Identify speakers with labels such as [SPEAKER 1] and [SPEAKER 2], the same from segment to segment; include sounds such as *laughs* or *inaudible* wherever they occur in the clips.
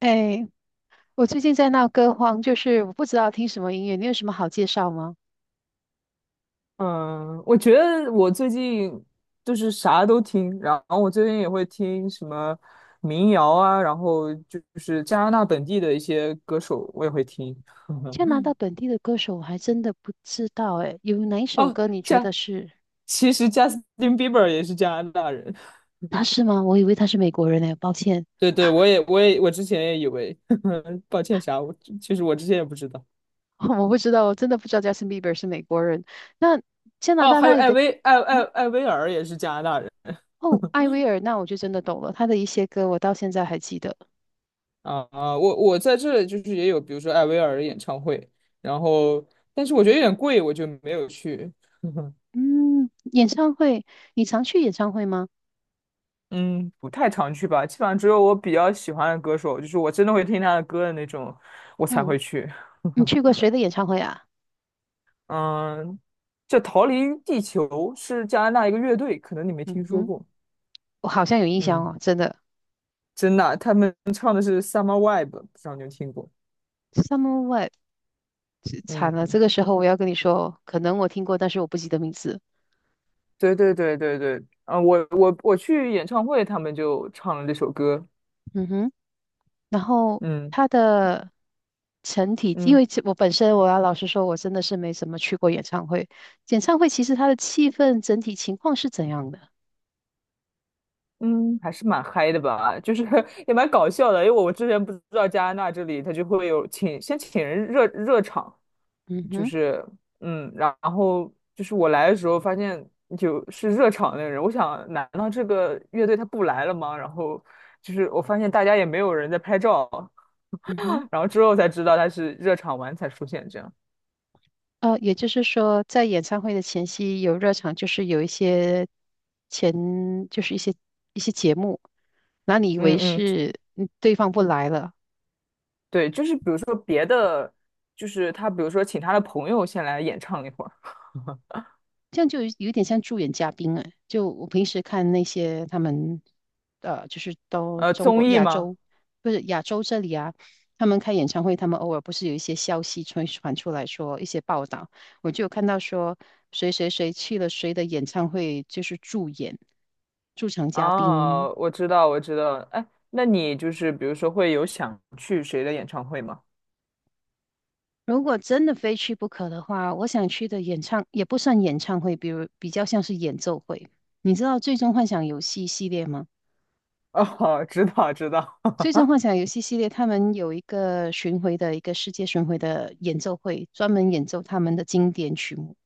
[SPEAKER 1] 哎，我最近在闹歌荒，就是我不知道听什么音乐，你有什么好介绍吗？
[SPEAKER 2] 嗯，我觉得我最近就是啥都听，然后我最近也会听什么民谣啊，然后就是加拿大本地的一些歌手我也会听。
[SPEAKER 1] 加拿
[SPEAKER 2] *laughs*
[SPEAKER 1] 大本地的歌手我还真的不知道，哎，有哪一首
[SPEAKER 2] 哦，
[SPEAKER 1] 歌你觉
[SPEAKER 2] 加，
[SPEAKER 1] 得是。
[SPEAKER 2] 其实贾斯 比伯也是加拿大人。
[SPEAKER 1] 他是吗？我以为他是美国人呢，抱歉。
[SPEAKER 2] 对对，我之前也以为，*laughs* 抱歉啥，其实我之前也不知道。
[SPEAKER 1] *laughs* 我不知道，我真的不知道 Justin Bieber 是美国人。那加拿
[SPEAKER 2] 哦，
[SPEAKER 1] 大
[SPEAKER 2] 还
[SPEAKER 1] 那
[SPEAKER 2] 有
[SPEAKER 1] 里
[SPEAKER 2] 艾
[SPEAKER 1] 的，
[SPEAKER 2] 薇艾艾
[SPEAKER 1] 嗯，
[SPEAKER 2] 艾薇儿也是加拿大人。
[SPEAKER 1] 哦，艾薇儿，那我就真的懂了，他的一些歌我到现在还记得。
[SPEAKER 2] 我在这里就是也有，比如说艾薇儿的演唱会，然后但是我觉得有点贵，我就没有去。*laughs*
[SPEAKER 1] 嗯，演唱会，你常去演唱会吗？
[SPEAKER 2] 嗯，不太常去吧，基本上只有我比较喜欢的歌手，就是我真的会听他的歌的那种，我才
[SPEAKER 1] 嗯，
[SPEAKER 2] 会去。
[SPEAKER 1] 你去过
[SPEAKER 2] *laughs*
[SPEAKER 1] 谁的演唱会啊？
[SPEAKER 2] 嗯，这《逃离地球》是加拿大一个乐队，可能你没
[SPEAKER 1] 嗯
[SPEAKER 2] 听说
[SPEAKER 1] 哼，
[SPEAKER 2] 过。
[SPEAKER 1] 我好像有印象
[SPEAKER 2] 嗯，
[SPEAKER 1] 哦，真的。
[SPEAKER 2] 真的啊，他们唱的是《Summer Vibe》，不知道你有听过？
[SPEAKER 1] Summer Webb。这惨了，这
[SPEAKER 2] 嗯，
[SPEAKER 1] 个时候我要跟你说，可能我听过，但是我不记得名字。
[SPEAKER 2] 对对对对对，啊，我去演唱会，他们就唱了这首歌。
[SPEAKER 1] 嗯哼，然后
[SPEAKER 2] 嗯。
[SPEAKER 1] 他的成体，因
[SPEAKER 2] 嗯
[SPEAKER 1] 为其我本身我要老实说，我真的是没怎么去过演唱会。演唱会其实它的气氛整体情况是怎样的？
[SPEAKER 2] 嗯，还是蛮嗨的吧，就是 *laughs* 也蛮搞笑的，因为我之前不知道加拿大这里他就会有请人热热场，
[SPEAKER 1] 嗯
[SPEAKER 2] 就
[SPEAKER 1] 哼，
[SPEAKER 2] 是然后就是我来的时候发现就是热场那个人，我想难道这个乐队他不来了吗？然后就是我发现大家也没有人在拍照，
[SPEAKER 1] 嗯哼，
[SPEAKER 2] *laughs* 然后之后才知道他是热场完才出现这样。
[SPEAKER 1] 也就是说，在演唱会的前夕有热场，就是有一些前，就是一些节目，那你以为
[SPEAKER 2] 嗯嗯，
[SPEAKER 1] 是嗯对方不来了，
[SPEAKER 2] 对，就是比如说别的，就是他比如说请他的朋友先来演唱一会儿，
[SPEAKER 1] 这样就有点像助演嘉宾哎。就我平时看那些他们，就是都中
[SPEAKER 2] 综
[SPEAKER 1] 国
[SPEAKER 2] 艺
[SPEAKER 1] 亚
[SPEAKER 2] 吗？
[SPEAKER 1] 洲，不是亚洲这里啊，他们开演唱会，他们偶尔不是有一些消息传出来说一些报道，我就有看到说谁谁谁去了谁的演唱会，就是助演驻场嘉宾。
[SPEAKER 2] 哦，我知道，我知道。哎，那你就是比如说会有想去谁的演唱会吗？
[SPEAKER 1] 如果真的非去不可的话，我想去的演唱也不算演唱会，比如比较像是演奏会。你知道《最终幻想游戏》系列吗？
[SPEAKER 2] 哦，*laughs* 知道，知道。
[SPEAKER 1] 最终幻想游戏系列，他们有一个巡回的一个世界巡回的演奏会，专门演奏他们的经典曲目。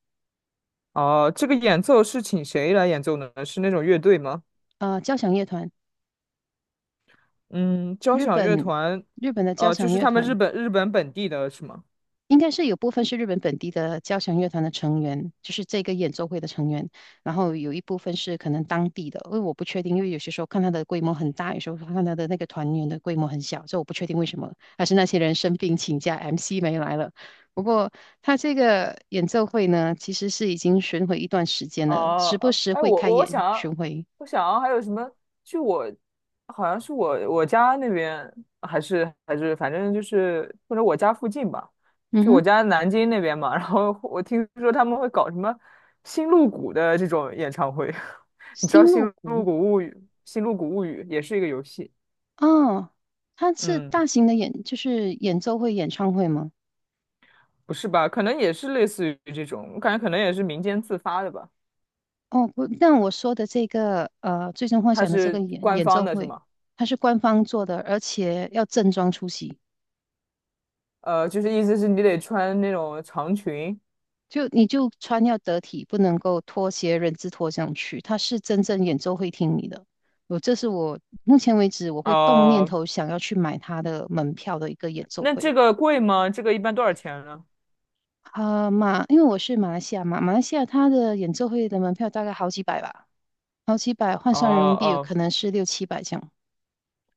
[SPEAKER 2] 哦，这个演奏是请谁来演奏呢？是那种乐队吗？
[SPEAKER 1] 啊，交响乐团，
[SPEAKER 2] 嗯，交
[SPEAKER 1] 日
[SPEAKER 2] 响乐
[SPEAKER 1] 本
[SPEAKER 2] 团，
[SPEAKER 1] 日本的交
[SPEAKER 2] 就
[SPEAKER 1] 响
[SPEAKER 2] 是
[SPEAKER 1] 乐
[SPEAKER 2] 他们日
[SPEAKER 1] 团，
[SPEAKER 2] 本日本本地的是吗？
[SPEAKER 1] 应该是有部分是日本本地的交响乐团的成员，就是这个演奏会的成员，然后有一部分是可能当地的，因为我不确定，因为有些时候看他的规模很大，有时候看他的那个团员的规模很小，所以我不确定为什么，还是那些人生病请假，MC 没来了。不过他这个演奏会呢，其实是已经巡回一段时间了，时
[SPEAKER 2] 哦、
[SPEAKER 1] 不时
[SPEAKER 2] 哎，
[SPEAKER 1] 会
[SPEAKER 2] 我
[SPEAKER 1] 开
[SPEAKER 2] 我
[SPEAKER 1] 演
[SPEAKER 2] 想要，
[SPEAKER 1] 巡回。
[SPEAKER 2] 我想要还有什么？就好像是我家那边，还是反正就是或者我家附近吧，
[SPEAKER 1] 嗯
[SPEAKER 2] 就
[SPEAKER 1] 哼，
[SPEAKER 2] 我家南京那边嘛。*laughs* 然后我听说他们会搞什么新露谷的这种演唱会，*laughs* 你知道
[SPEAKER 1] 新
[SPEAKER 2] 《新
[SPEAKER 1] 露
[SPEAKER 2] 露
[SPEAKER 1] 谷
[SPEAKER 2] 谷物语》《新露谷物语》也是一个游戏，
[SPEAKER 1] 哦，他是
[SPEAKER 2] 嗯，
[SPEAKER 1] 大型的演，就是演奏会、演唱会吗？
[SPEAKER 2] 不是吧？可能也是类似于这种，我感觉可能也是民间自发的吧。
[SPEAKER 1] 哦，不，但我说的这个最终幻
[SPEAKER 2] 它
[SPEAKER 1] 想》的这个
[SPEAKER 2] 是
[SPEAKER 1] 演
[SPEAKER 2] 官
[SPEAKER 1] 演
[SPEAKER 2] 方
[SPEAKER 1] 奏
[SPEAKER 2] 的，是
[SPEAKER 1] 会，
[SPEAKER 2] 吗？
[SPEAKER 1] 它是官方做的，而且要正装出席，
[SPEAKER 2] 就是意思是你得穿那种长裙。
[SPEAKER 1] 就你就穿要得体，不能够拖鞋、人字拖上去。它是真正演奏会厅里的，我这是我目前为止我会动念
[SPEAKER 2] 哦，
[SPEAKER 1] 头想要去买它的门票的一个演奏
[SPEAKER 2] 那
[SPEAKER 1] 会。
[SPEAKER 2] 这个贵吗？这个一般多少钱呢？
[SPEAKER 1] 啊、马，因为我是马来西亚嘛，马来西亚它的演奏会的门票大概好几百吧，好几百换
[SPEAKER 2] 哦
[SPEAKER 1] 算人民币可
[SPEAKER 2] 哦
[SPEAKER 1] 能是六七百这样，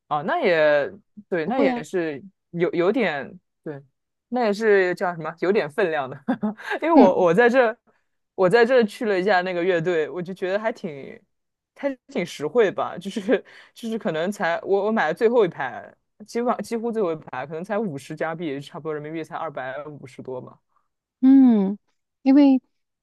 [SPEAKER 2] 哦，那也对，
[SPEAKER 1] 不
[SPEAKER 2] 那
[SPEAKER 1] 贵
[SPEAKER 2] 也
[SPEAKER 1] 啊。
[SPEAKER 2] 是有点对，那也是叫什么？有点分量的，*laughs* 因为
[SPEAKER 1] 嗯，
[SPEAKER 2] 我在这去了一下那个乐队，我就觉得还挺实惠吧，就是 *laughs* 就是可能才我买了最后一排，基本上几乎最后一排，可能才50加币，差不多人民币才250多吧。
[SPEAKER 1] 嗯，因为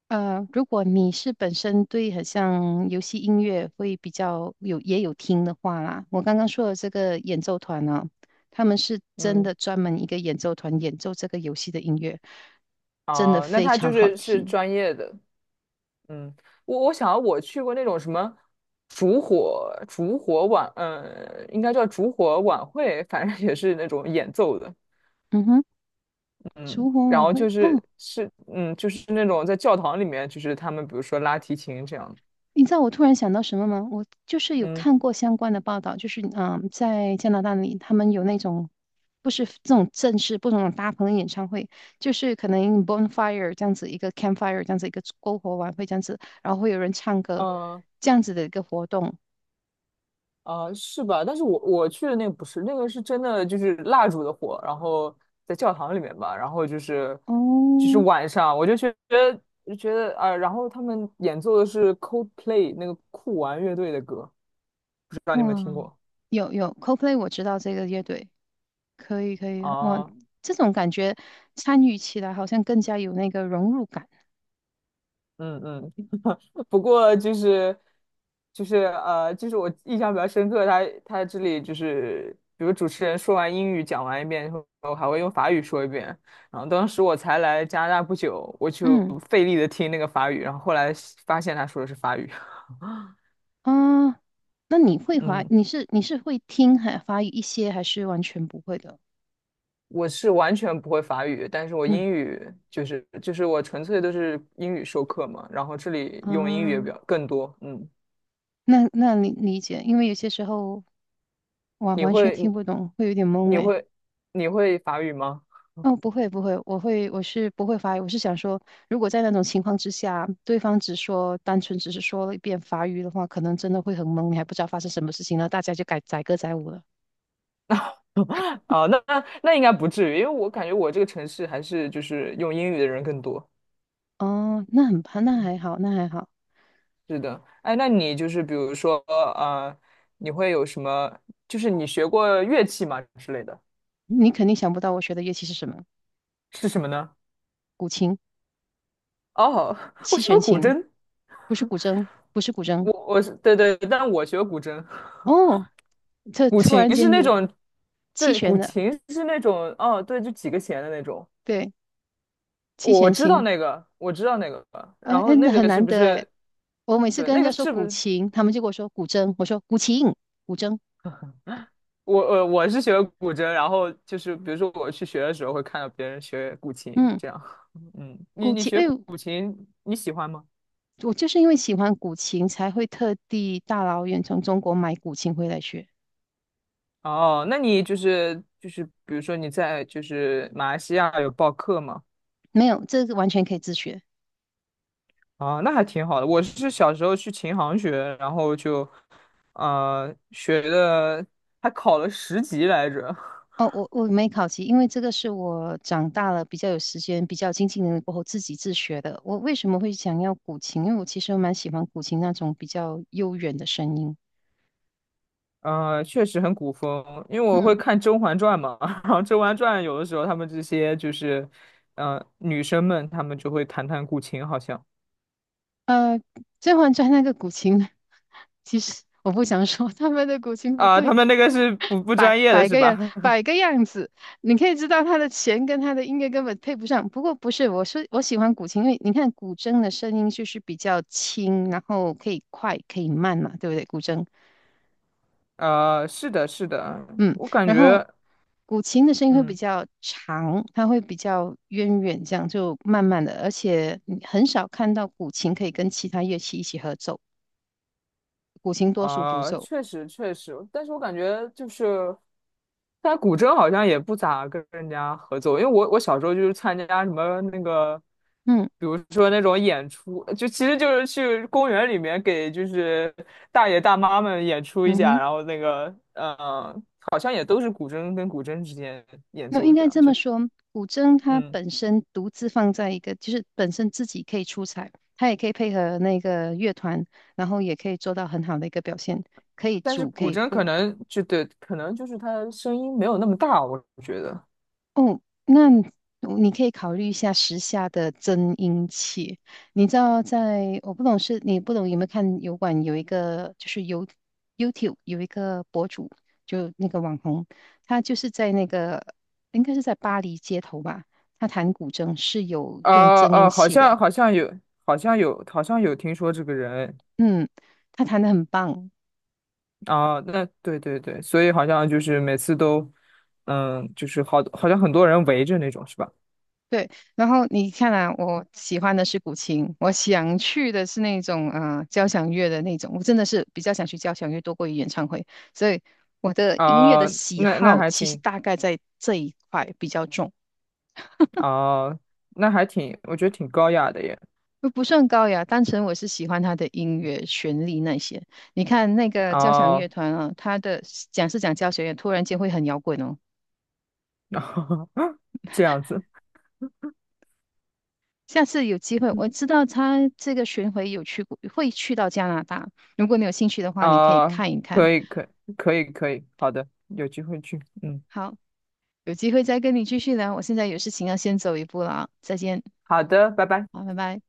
[SPEAKER 1] 如果你是本身对很像游戏音乐会比较有也有听的话啦，我刚刚说的这个演奏团呢、他们是真
[SPEAKER 2] 嗯，
[SPEAKER 1] 的专门一个演奏团演奏这个游戏的音乐，真的
[SPEAKER 2] 哦，那
[SPEAKER 1] 非
[SPEAKER 2] 他
[SPEAKER 1] 常
[SPEAKER 2] 就
[SPEAKER 1] 好
[SPEAKER 2] 是是
[SPEAKER 1] 听。
[SPEAKER 2] 专业的。嗯，我去过那种什么烛火烛火晚，应该叫烛火晚会，反正也是那种演奏的，
[SPEAKER 1] 嗯哼，
[SPEAKER 2] 嗯，
[SPEAKER 1] 烛火
[SPEAKER 2] 然
[SPEAKER 1] 晚
[SPEAKER 2] 后
[SPEAKER 1] 会
[SPEAKER 2] 就是
[SPEAKER 1] 哦，
[SPEAKER 2] 是就是那种在教堂里面，就是他们比如说拉提琴这样，
[SPEAKER 1] 你知道我突然想到什么吗？我就是有
[SPEAKER 2] 嗯，
[SPEAKER 1] 看过相关的报道，就是嗯，在加拿大里，他们有那种不是这种正式，不是那种大棚的演唱会，就是可能 bonfire 这样子一个 campfire 这样子一个篝火晚会这样子，然后会有人唱歌这样子的一个活动。
[SPEAKER 2] 啊，是吧？但是我去的那个不是，那个是真的就是蜡烛的火，然后在教堂里面吧，然后就是
[SPEAKER 1] 哦，
[SPEAKER 2] 晚上，我就觉得啊，然后他们演奏的是 Coldplay 那个酷玩乐队的歌，不知道你有没有听
[SPEAKER 1] 哇，
[SPEAKER 2] 过
[SPEAKER 1] 有 c o p l a y 我知道这个乐队，可以可以，哇，
[SPEAKER 2] 啊？
[SPEAKER 1] 这种感觉参与起来好像更加有那个融入感。
[SPEAKER 2] 嗯嗯，*laughs* 不过就是就是我印象比较深刻，他这里就是，比如主持人说完英语讲完一遍以后，还会用法语说一遍。然后当时我才来加拿大不久，我就
[SPEAKER 1] 嗯。
[SPEAKER 2] 费力的听那个法语，然后后来发现他说的是法语。
[SPEAKER 1] 啊，那你会
[SPEAKER 2] *laughs*
[SPEAKER 1] 华，
[SPEAKER 2] 嗯，
[SPEAKER 1] 你是会听还法语一些，还是完全不会的？
[SPEAKER 2] 我是完全不会法语，但是我
[SPEAKER 1] 嗯
[SPEAKER 2] 英语就是我纯粹都是英语授课嘛，然后这里用英语也
[SPEAKER 1] 啊，
[SPEAKER 2] 比较更多。嗯，
[SPEAKER 1] 那那你理解，因为有些时候我
[SPEAKER 2] 你
[SPEAKER 1] 完全
[SPEAKER 2] 会
[SPEAKER 1] 听不懂，会有点
[SPEAKER 2] 你
[SPEAKER 1] 懵
[SPEAKER 2] 你
[SPEAKER 1] 诶。
[SPEAKER 2] 会你会法语吗？
[SPEAKER 1] 哦，不会不会，我是不会法语，我是想说，如果在那种情况之下，对方只说单纯只是说了一遍法语的话，可能真的会很懵，你还不知道发生什么事情了，大家就改载歌载舞了。
[SPEAKER 2] *laughs* 哦，那应该不至于，因为我感觉我这个城市还是就是用英语的人更多。
[SPEAKER 1] 哦，那很那还好，那还好，
[SPEAKER 2] 是的，哎，那你就是比如说，你会有什么？就是你学过乐器吗之类的？
[SPEAKER 1] 你肯定想不到我学的乐器是什么，
[SPEAKER 2] 是什么呢？
[SPEAKER 1] 古琴。
[SPEAKER 2] 哦，*laughs* 我
[SPEAKER 1] 七
[SPEAKER 2] 学
[SPEAKER 1] 弦
[SPEAKER 2] 过古
[SPEAKER 1] 琴，
[SPEAKER 2] 筝，
[SPEAKER 1] 不是古筝，不是古筝。
[SPEAKER 2] 我是对对，但我学过古筝，
[SPEAKER 1] 哦，这
[SPEAKER 2] 古
[SPEAKER 1] 突
[SPEAKER 2] 琴
[SPEAKER 1] 然
[SPEAKER 2] 是
[SPEAKER 1] 间
[SPEAKER 2] 那
[SPEAKER 1] 有
[SPEAKER 2] 种，
[SPEAKER 1] 七
[SPEAKER 2] 对，古
[SPEAKER 1] 弦的，
[SPEAKER 2] 琴是那种，哦，对，就几个弦的那种。
[SPEAKER 1] 对，七
[SPEAKER 2] 我
[SPEAKER 1] 弦
[SPEAKER 2] 知道
[SPEAKER 1] 琴，
[SPEAKER 2] 那个，我知道那个，
[SPEAKER 1] 啊，
[SPEAKER 2] 然
[SPEAKER 1] 哎，
[SPEAKER 2] 后那
[SPEAKER 1] 那很
[SPEAKER 2] 个是
[SPEAKER 1] 难
[SPEAKER 2] 不
[SPEAKER 1] 得哎。
[SPEAKER 2] 是？
[SPEAKER 1] 我每次
[SPEAKER 2] 对，
[SPEAKER 1] 跟人
[SPEAKER 2] 那
[SPEAKER 1] 家
[SPEAKER 2] 个
[SPEAKER 1] 说
[SPEAKER 2] 是不
[SPEAKER 1] 古
[SPEAKER 2] 是？
[SPEAKER 1] 琴，他们就跟我说古筝，我说古琴，古筝，
[SPEAKER 2] 我是学古筝，然后就是比如说我去学的时候会看到别人学古琴，
[SPEAKER 1] 嗯，
[SPEAKER 2] 这样。*laughs* 嗯，你
[SPEAKER 1] 古
[SPEAKER 2] 你
[SPEAKER 1] 琴，
[SPEAKER 2] 学
[SPEAKER 1] 哎
[SPEAKER 2] 古
[SPEAKER 1] 呦，
[SPEAKER 2] 古琴你喜欢吗？
[SPEAKER 1] 我就是因为喜欢古琴，才会特地大老远从中国买古琴回来学。
[SPEAKER 2] 哦，那你就是比如说你在就是马来西亚有报课吗？
[SPEAKER 1] 没有，这个完全可以自学。
[SPEAKER 2] 啊，那还挺好的。我是小时候去琴行学，然后就学的还考了10级来着。
[SPEAKER 1] 哦，我没考级，因为这个是我长大了比较有时间、比较经济能力过后自己自学的。我为什么会想要古琴？因为我其实蛮喜欢古琴那种比较悠远的声音。
[SPEAKER 2] 嗯，确实很古风，因为我会
[SPEAKER 1] 嗯，
[SPEAKER 2] 看《甄嬛传》嘛，*laughs* 然后《甄嬛传》有的时候他们这些就是，女生们她们就会弹弹古琴，好像
[SPEAKER 1] 《甄嬛传》那个古琴，*laughs* 其实我不想说他们的古琴不
[SPEAKER 2] 啊，他
[SPEAKER 1] 对，
[SPEAKER 2] 们那个是不
[SPEAKER 1] 摆
[SPEAKER 2] 专业的
[SPEAKER 1] 摆
[SPEAKER 2] 是
[SPEAKER 1] 个
[SPEAKER 2] 吧？
[SPEAKER 1] 样，摆
[SPEAKER 2] *laughs*
[SPEAKER 1] 个样子，你可以知道他的弦跟他的音乐根本配不上。不过不是，我说我喜欢古琴，因为你看古筝的声音就是比较轻，然后可以快可以慢嘛，对不对？古筝。
[SPEAKER 2] 是的，是的，
[SPEAKER 1] 嗯，
[SPEAKER 2] 我感
[SPEAKER 1] 然后
[SPEAKER 2] 觉，
[SPEAKER 1] 古琴的声音会比
[SPEAKER 2] 嗯，
[SPEAKER 1] 较长，它会比较渊远，这样就慢慢的，而且你很少看到古琴可以跟其他乐器一起合奏，古琴多数独
[SPEAKER 2] 啊、
[SPEAKER 1] 奏。
[SPEAKER 2] 确实确实，但是我感觉就是但古筝好像也不咋跟人家合作，因为我小时候就是参加什么那个，
[SPEAKER 1] 嗯
[SPEAKER 2] 比如说那种演出，就其实就是去公园里面给就是大爷大妈们演出一
[SPEAKER 1] 嗯
[SPEAKER 2] 下，
[SPEAKER 1] 哼，
[SPEAKER 2] 然后那个好像也都是古筝跟古筝之间演
[SPEAKER 1] 那
[SPEAKER 2] 奏
[SPEAKER 1] 应
[SPEAKER 2] 这
[SPEAKER 1] 该
[SPEAKER 2] 样，
[SPEAKER 1] 这么说，古筝它
[SPEAKER 2] 嗯，
[SPEAKER 1] 本身独自放在一个，就是本身自己可以出彩，它也可以配合那个乐团，然后也可以做到很好的一个表现，可以
[SPEAKER 2] 但是
[SPEAKER 1] 主可
[SPEAKER 2] 古
[SPEAKER 1] 以
[SPEAKER 2] 筝
[SPEAKER 1] 副。
[SPEAKER 2] 可能就对，可能就是它声音没有那么大，我觉得，
[SPEAKER 1] 哦，那你可以考虑一下时下的增音器。你知道在，我不懂是你不懂有没有看油管有一个就是有 YouTube 有一个博主，就那个网红，他就是在那个应该是在巴黎街头吧，他弹古筝是有用增音
[SPEAKER 2] 好
[SPEAKER 1] 器的，
[SPEAKER 2] 像好像有，好像有，好像有听说这个人。
[SPEAKER 1] 嗯，他弹的很棒，
[SPEAKER 2] 啊，那对对对，所以好像就是每次都，就是好像很多人围着那种，是吧？
[SPEAKER 1] 对，然后你看啊，我喜欢的是古琴，我想去的是那种啊、交响乐的那种，我真的是比较想去交响乐多过于演唱会，所以我的音乐的
[SPEAKER 2] 啊，
[SPEAKER 1] 喜
[SPEAKER 2] 那那
[SPEAKER 1] 好
[SPEAKER 2] 还
[SPEAKER 1] 其实
[SPEAKER 2] 挺
[SPEAKER 1] 大概在这一块比较重，
[SPEAKER 2] 啊，那还挺，我觉得挺高雅的耶。
[SPEAKER 1] 又不算高雅，单纯我是喜欢他的音乐旋律那些。你看那个交响
[SPEAKER 2] 啊，
[SPEAKER 1] 乐团啊，他的讲是讲交响乐，突然间会很摇滚哦。
[SPEAKER 2] *laughs* 这样子
[SPEAKER 1] 下次有机会，我知道他这个巡回有去过，会去到加拿大。如果你有兴趣的话，你可以
[SPEAKER 2] 啊，
[SPEAKER 1] 看一看。
[SPEAKER 2] 可以，可以可以，可以，好的，有机会去，嗯，
[SPEAKER 1] 好，有机会再跟你继续聊，我现在有事情要先走一步了啊，再见，
[SPEAKER 2] 好的，拜拜。
[SPEAKER 1] 好，拜拜。